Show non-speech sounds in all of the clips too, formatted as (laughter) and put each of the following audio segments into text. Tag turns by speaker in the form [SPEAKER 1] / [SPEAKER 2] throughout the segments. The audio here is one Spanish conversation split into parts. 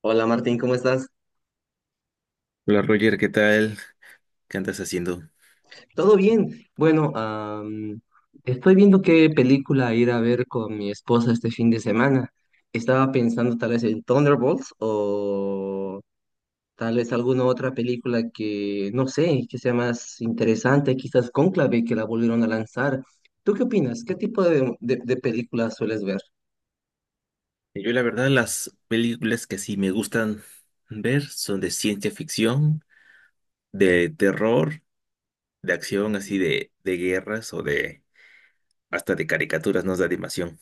[SPEAKER 1] Hola Martín, ¿cómo estás?
[SPEAKER 2] Hola Roger, ¿qué tal? ¿Qué andas haciendo?
[SPEAKER 1] ¿Todo bien? Bueno, estoy viendo qué película ir a ver con mi esposa este fin de semana. Estaba pensando tal vez en Thunderbolts o tal vez alguna otra película que, no sé, que sea más interesante, quizás Cónclave, que la volvieron a lanzar. ¿Tú qué opinas? ¿Qué tipo de películas sueles ver?
[SPEAKER 2] Yo la verdad las películas que sí me gustan ver son de ciencia ficción, de terror, de acción así de guerras o de hasta de caricaturas, no de animación.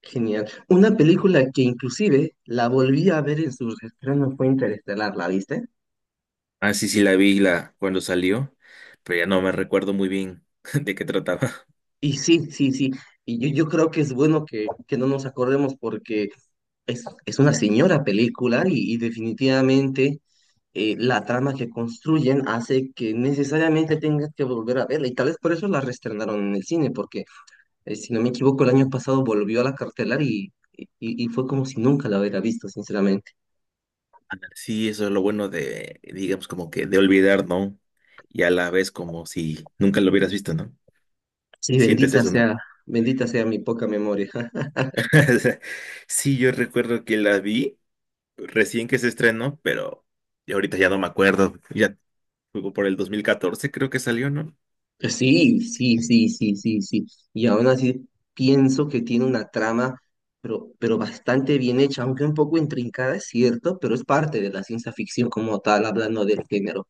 [SPEAKER 1] Genial. Una película que inclusive la volví a ver en su estreno fue Interestelar, ¿la viste?
[SPEAKER 2] Ah, sí, sí la vi cuando salió, pero ya no me recuerdo muy bien (laughs) de qué trataba.
[SPEAKER 1] Y sí, sí, sí. Y yo creo que es bueno que no nos acordemos porque es una señora película y definitivamente la trama que construyen hace que necesariamente tengas que volver a verla. Y tal vez por eso la reestrenaron en el cine, porque si no me equivoco, el año pasado volvió a la cartelar y fue como si nunca la hubiera visto, sinceramente.
[SPEAKER 2] Sí, eso es lo bueno de, digamos, como que de olvidar, ¿no? Y a la vez como si nunca lo hubieras visto, ¿no?
[SPEAKER 1] Sí,
[SPEAKER 2] Sientes eso, ¿no?
[SPEAKER 1] bendita sea mi poca memoria. (laughs)
[SPEAKER 2] (laughs) Sí, yo recuerdo que la vi recién que se estrenó, pero ya ahorita ya no me acuerdo. Ya fue por el 2014, creo que salió, ¿no?
[SPEAKER 1] Sí, sí, sí, sí, sí, sí. Y aún así pienso que tiene una trama, pero bastante bien hecha, aunque un poco intrincada, es cierto, pero es parte de la ciencia ficción como tal, hablando del género,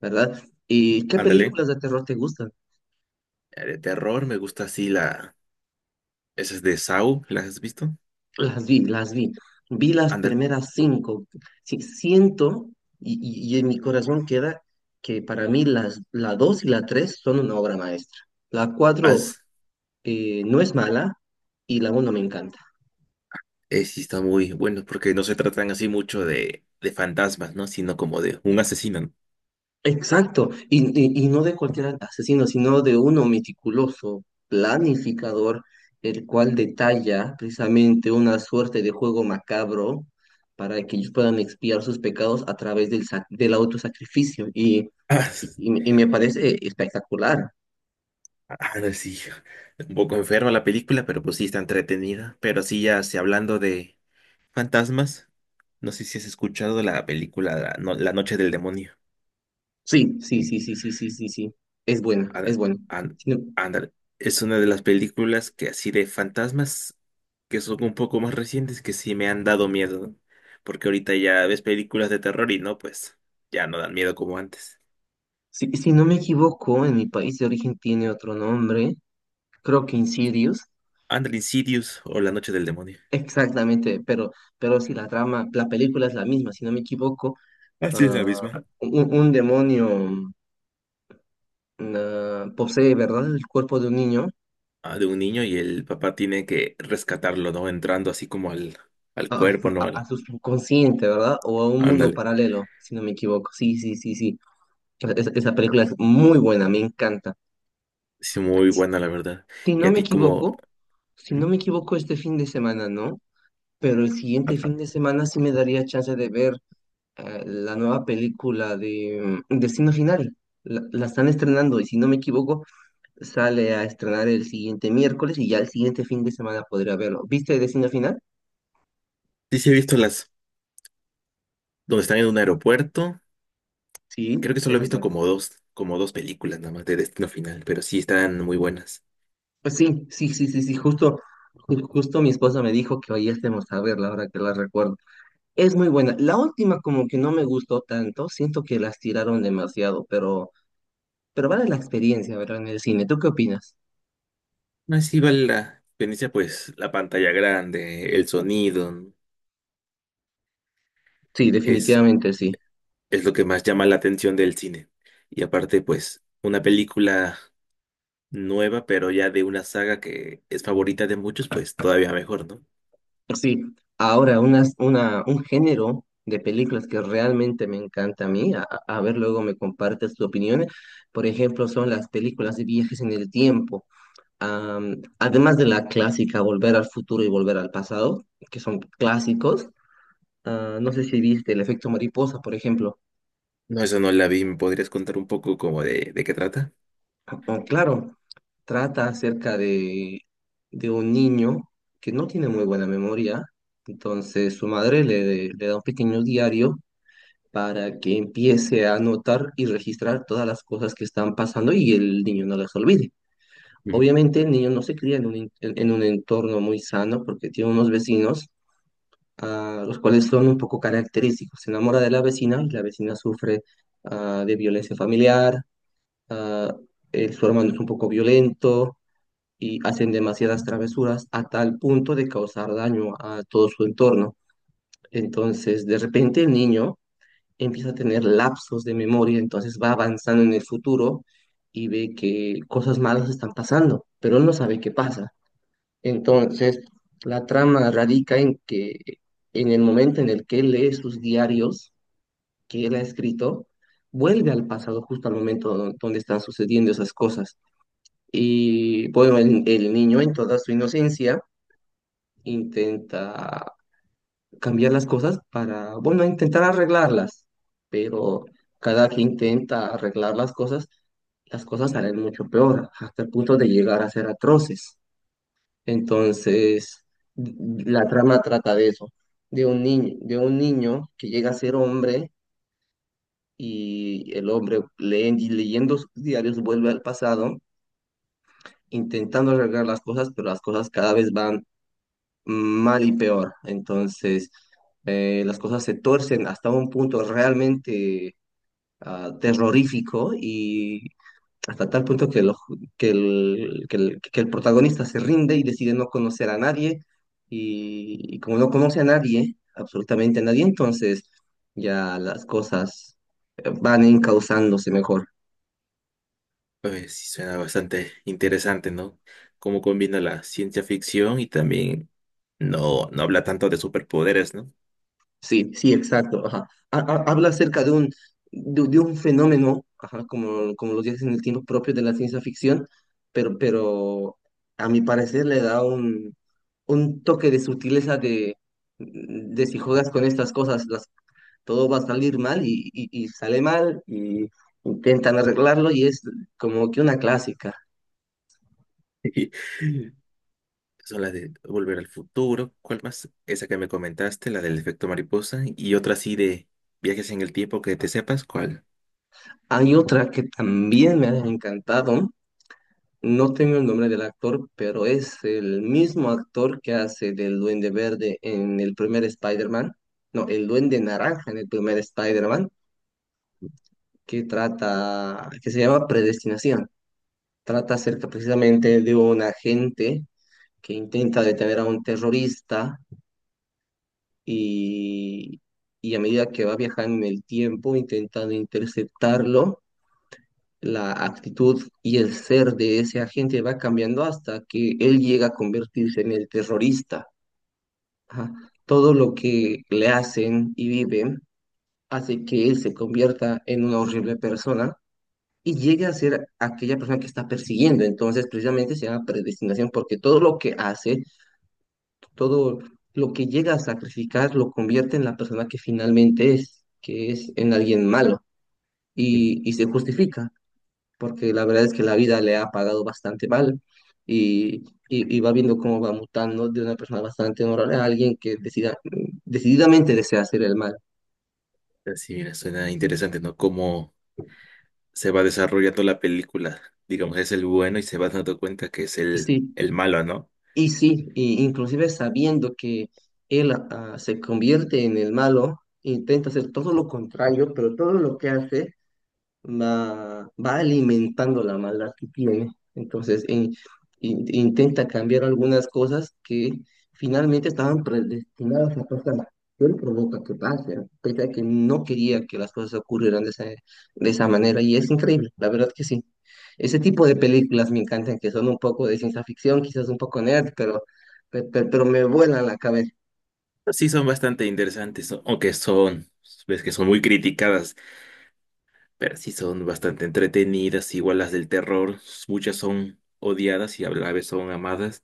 [SPEAKER 1] ¿verdad? ¿Y qué
[SPEAKER 2] Ándale.
[SPEAKER 1] películas de terror te gustan?
[SPEAKER 2] De terror, me gusta así la esas de Saw, ¿las has visto?
[SPEAKER 1] Las vi, las vi. Vi las
[SPEAKER 2] Ándale.
[SPEAKER 1] primeras cinco. Sí, siento y en mi corazón queda que para mí la dos y la tres son una obra maestra. La cuatro
[SPEAKER 2] Haz-
[SPEAKER 1] no es mala y la uno me encanta.
[SPEAKER 2] sí, está muy bueno, porque no se tratan así mucho de fantasmas, ¿no? Sino como de un asesino, ¿no?
[SPEAKER 1] Exacto, y no de cualquier asesino, sino de uno meticuloso, planificador, el cual detalla precisamente una suerte de juego macabro para que ellos puedan expiar sus pecados a través del autosacrificio. Y,
[SPEAKER 2] (laughs) Ah,
[SPEAKER 1] y,
[SPEAKER 2] s-
[SPEAKER 1] y- me parece espectacular.
[SPEAKER 2] ah, no, sí. Un poco enferma la película, pero pues sí está entretenida. Pero sí, ya sí, hablando de fantasmas, no sé si has escuchado la película La, No- La Noche del Demonio.
[SPEAKER 1] Sí, sí, sí, sí, sí, sí, sí, sí. Es buena, es
[SPEAKER 2] Ándale,
[SPEAKER 1] buena.
[SPEAKER 2] án-
[SPEAKER 1] Si no,
[SPEAKER 2] ándale. Es una de las películas que así de fantasmas que son un poco más recientes que sí me han dado miedo, ¿no? Porque ahorita ya ves películas de terror y no, pues ya no dan miedo como antes.
[SPEAKER 1] si no me equivoco, en mi país de origen tiene otro nombre, creo que Insidious.
[SPEAKER 2] Ándale, Insidious o La Noche del Demonio.
[SPEAKER 1] Exactamente, pero si la trama, la película es la misma, si no me equivoco,
[SPEAKER 2] Así es la
[SPEAKER 1] ah,
[SPEAKER 2] misma.
[SPEAKER 1] un demonio posee, ¿verdad?, el cuerpo de un niño.
[SPEAKER 2] Ah, de un niño y el papá tiene que rescatarlo, ¿no? Entrando así como al, al
[SPEAKER 1] a, a su,
[SPEAKER 2] cuerpo, ¿no?
[SPEAKER 1] a- a
[SPEAKER 2] Al,
[SPEAKER 1] su subconsciente, ¿verdad?, o a un mundo
[SPEAKER 2] ándale.
[SPEAKER 1] paralelo, si no me equivoco. Sí, sí, sí, sí. Esa película es muy buena, me encanta.
[SPEAKER 2] Sí, muy
[SPEAKER 1] Si
[SPEAKER 2] buena, la verdad.
[SPEAKER 1] si
[SPEAKER 2] Y
[SPEAKER 1] no
[SPEAKER 2] a
[SPEAKER 1] me
[SPEAKER 2] ti como...
[SPEAKER 1] equivoco, si
[SPEAKER 2] ¿Mm?
[SPEAKER 1] no me equivoco, este fin de semana, ¿no? Pero el siguiente fin de semana sí me daría chance de ver la nueva película de Destino Final. La están estrenando y si no me equivoco, sale a estrenar el siguiente miércoles y ya el siguiente fin de semana podría verlo. ¿Viste Destino Final?
[SPEAKER 2] Sí, sí he visto las... donde están en un aeropuerto. Creo que
[SPEAKER 1] Sí,
[SPEAKER 2] solo he
[SPEAKER 1] esa es
[SPEAKER 2] visto
[SPEAKER 1] buena.
[SPEAKER 2] como dos películas nada más de Destino Final, pero sí están muy buenas.
[SPEAKER 1] Pues sí, sí, sí, sí, sí, justo mi esposa me dijo que hoy estemos a verla ahora que la recuerdo. Es muy buena. La última como que no me gustó tanto, siento que las tiraron demasiado, pero vale la experiencia, ¿verdad? En el cine. ¿Tú qué opinas?
[SPEAKER 2] No, sí vale la experiencia, pues la pantalla grande, el sonido,
[SPEAKER 1] Sí,
[SPEAKER 2] es,
[SPEAKER 1] definitivamente sí.
[SPEAKER 2] es lo que más llama la atención del cine. Y aparte, pues, una película nueva, pero ya de una saga que es favorita de muchos, pues todavía mejor, ¿no?
[SPEAKER 1] Sí, ahora un género de películas que realmente me encanta a mí, a ver luego me compartes tu opinión, por ejemplo, son las películas de viajes en el tiempo. Además de la clásica Volver al futuro y Volver al pasado, que son clásicos, no sé si viste El efecto mariposa, por ejemplo.
[SPEAKER 2] No, eso no la vi. ¿Me podrías contar un poco como de qué trata?
[SPEAKER 1] O, claro, trata acerca de un niño que no tiene muy buena memoria, entonces su madre le da un pequeño diario para que empiece a anotar y registrar todas las cosas que están pasando y el niño no las olvide. Obviamente el niño no se cría en un entorno muy sano porque tiene unos vecinos los cuales son un poco característicos. Se enamora de la vecina y la vecina sufre de violencia familiar. Ah, el- su hermano es un poco violento y hacen demasiadas travesuras a tal punto de causar daño a todo su entorno. Entonces, de repente el niño empieza a tener lapsos de memoria, entonces va avanzando en el futuro y ve que cosas malas están pasando, pero él no sabe qué pasa. Entonces, la trama radica en que en el momento en el que él lee sus diarios que él ha escrito, vuelve al pasado justo al momento donde están sucediendo esas cosas. Y bueno, el niño en toda su inocencia intenta cambiar las cosas para, bueno, intentar arreglarlas, pero cada que intenta arreglar las cosas salen mucho peor, hasta el punto de llegar a ser atroces. Entonces, la trama trata de eso, de un niño que llega a ser hombre y el hombre leyendo sus diarios vuelve al pasado, intentando arreglar las cosas, pero las cosas cada vez van mal y peor. Entonces, las cosas se torcen hasta un punto realmente terrorífico y hasta tal punto que, lo- que el, que el- que el protagonista se rinde y decide no conocer a nadie. Y como no conoce a nadie, absolutamente a nadie, entonces ya las cosas van encauzándose mejor.
[SPEAKER 2] Oye, sí, suena bastante interesante, ¿no? Cómo combina la ciencia ficción y también no, no habla tanto de superpoderes, ¿no?
[SPEAKER 1] Sí, sí, exacto. Ajá. Habla acerca de un fenómeno, ajá, como los viajes en el tiempo propio de la ciencia ficción, pero a mi parecer le da un toque de sutileza de si juegas con estas cosas, todo va a salir mal y sale mal y intentan arreglarlo y es como que una clásica.
[SPEAKER 2] (laughs) Son las de Volver al Futuro, ¿cuál más? Esa que me comentaste, la del efecto mariposa y otra así de viajes en el tiempo que te sepas, ¿cuál?
[SPEAKER 1] Hay otra que también me ha encantado. No tengo el nombre del actor, pero es el mismo actor que hace del Duende Verde en el primer Spider-Man. No, el Duende Naranja en el primer Spider-Man, que se llama Predestinación. Trata acerca precisamente de un agente que intenta detener a un terrorista y, y a medida que va viajando en el tiempo, intentando interceptarlo, la actitud y el ser de ese agente va cambiando hasta que él llega a convertirse en el terrorista. Ajá. Todo lo que le hacen y viven hace que él se convierta en una horrible persona y llegue a ser aquella persona que está persiguiendo. Entonces, precisamente se llama predestinación porque todo lo que hace, todo lo que llega a sacrificar, lo convierte en la persona que finalmente es, que es en alguien malo
[SPEAKER 2] Mm.
[SPEAKER 1] y se justifica, porque la verdad es que la vida le ha pagado bastante mal y, y va viendo cómo va mutando de una persona bastante honorable a alguien que decididamente desea hacer el mal.
[SPEAKER 2] Así, mira, suena interesante, ¿no? Cómo se va desarrollando la película. Digamos, es el bueno y se va dando cuenta que es el,
[SPEAKER 1] Sí,
[SPEAKER 2] el malo, ¿no?
[SPEAKER 1] y sí, y inclusive sabiendo que él se convierte en el malo, intenta hacer todo lo contrario, pero todo lo que hace va alimentando la maldad que tiene. Entonces, intenta cambiar algunas cosas que finalmente estaban predestinadas a pasar. Él provoca que pase, pese a que no quería que las cosas ocurrieran de esa manera. Y es increíble, la verdad que sí. Ese tipo de películas me encantan, que son un poco de ciencia ficción, quizás un poco nerd, pero, me vuelan la cabeza.
[SPEAKER 2] Pues sí, son bastante interesantes, ¿no? Aunque son, ves que son muy criticadas, pero sí son bastante entretenidas, igual las del terror, muchas son odiadas y a la vez son amadas,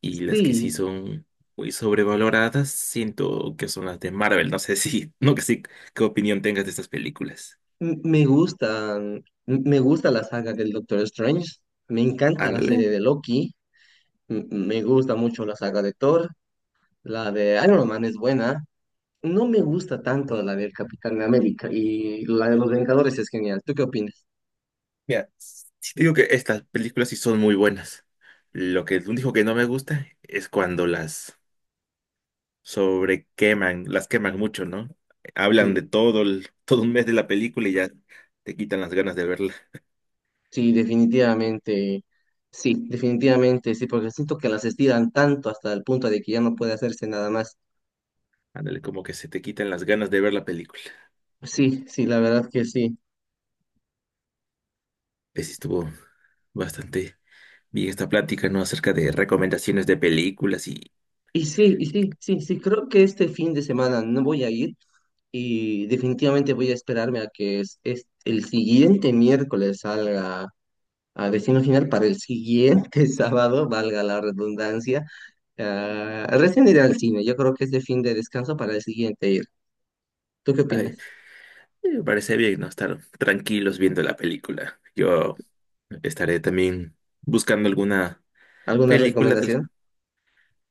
[SPEAKER 2] y las que sí
[SPEAKER 1] Sí,
[SPEAKER 2] son muy sobrevaloradas, siento que son las de Marvel, no sé (laughs) si, no que sí, qué opinión tengas de estas películas.
[SPEAKER 1] M- Me gusta, me gusta la saga del Doctor Strange, me encanta la
[SPEAKER 2] Ándale.
[SPEAKER 1] serie de Loki, me gusta mucho la saga de Thor, la de Iron Man es buena, no me gusta tanto la del Capitán América y la de los Vengadores es genial. ¿Tú qué opinas?
[SPEAKER 2] Mira, sí te digo que estas películas sí son muy buenas. Lo que lo dijo que no me gusta es cuando las sobrequeman, las queman mucho, ¿no? Hablan de
[SPEAKER 1] Sí,
[SPEAKER 2] todo todo un mes de la película y ya te quitan las ganas de verla.
[SPEAKER 1] sí, definitivamente, sí, definitivamente, sí, porque siento que las estiran tanto hasta el punto de que ya no puede hacerse nada más.
[SPEAKER 2] Ándale, como que se te quitan las ganas de ver la película.
[SPEAKER 1] Sí, sí, la verdad que sí.
[SPEAKER 2] Pues sí estuvo bastante bien esta plática, ¿no? Acerca de recomendaciones de películas y...
[SPEAKER 1] Y sí, y sí, sí, sí, creo que este fin de semana no voy a ir. Y definitivamente voy a esperarme a que el siguiente miércoles salga a Destino Final para el siguiente (laughs) sábado, valga la redundancia. Ah, recién iré al cine, yo creo que es de fin de descanso para el siguiente ir. ¿Tú qué
[SPEAKER 2] ay,
[SPEAKER 1] opinas?
[SPEAKER 2] Me parece bien, ¿no? Estar tranquilos viendo la película. Yo estaré también buscando alguna
[SPEAKER 1] ¿Alguna
[SPEAKER 2] película de
[SPEAKER 1] recomendación?
[SPEAKER 2] la-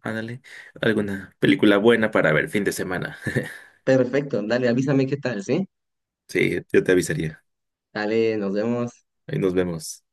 [SPEAKER 2] ándale, alguna película buena para ver fin de semana. (laughs)
[SPEAKER 1] Perfecto, dale, avísame qué tal, ¿sí?
[SPEAKER 2] Sí, yo te avisaría.
[SPEAKER 1] Dale, nos vemos.
[SPEAKER 2] Ahí nos vemos.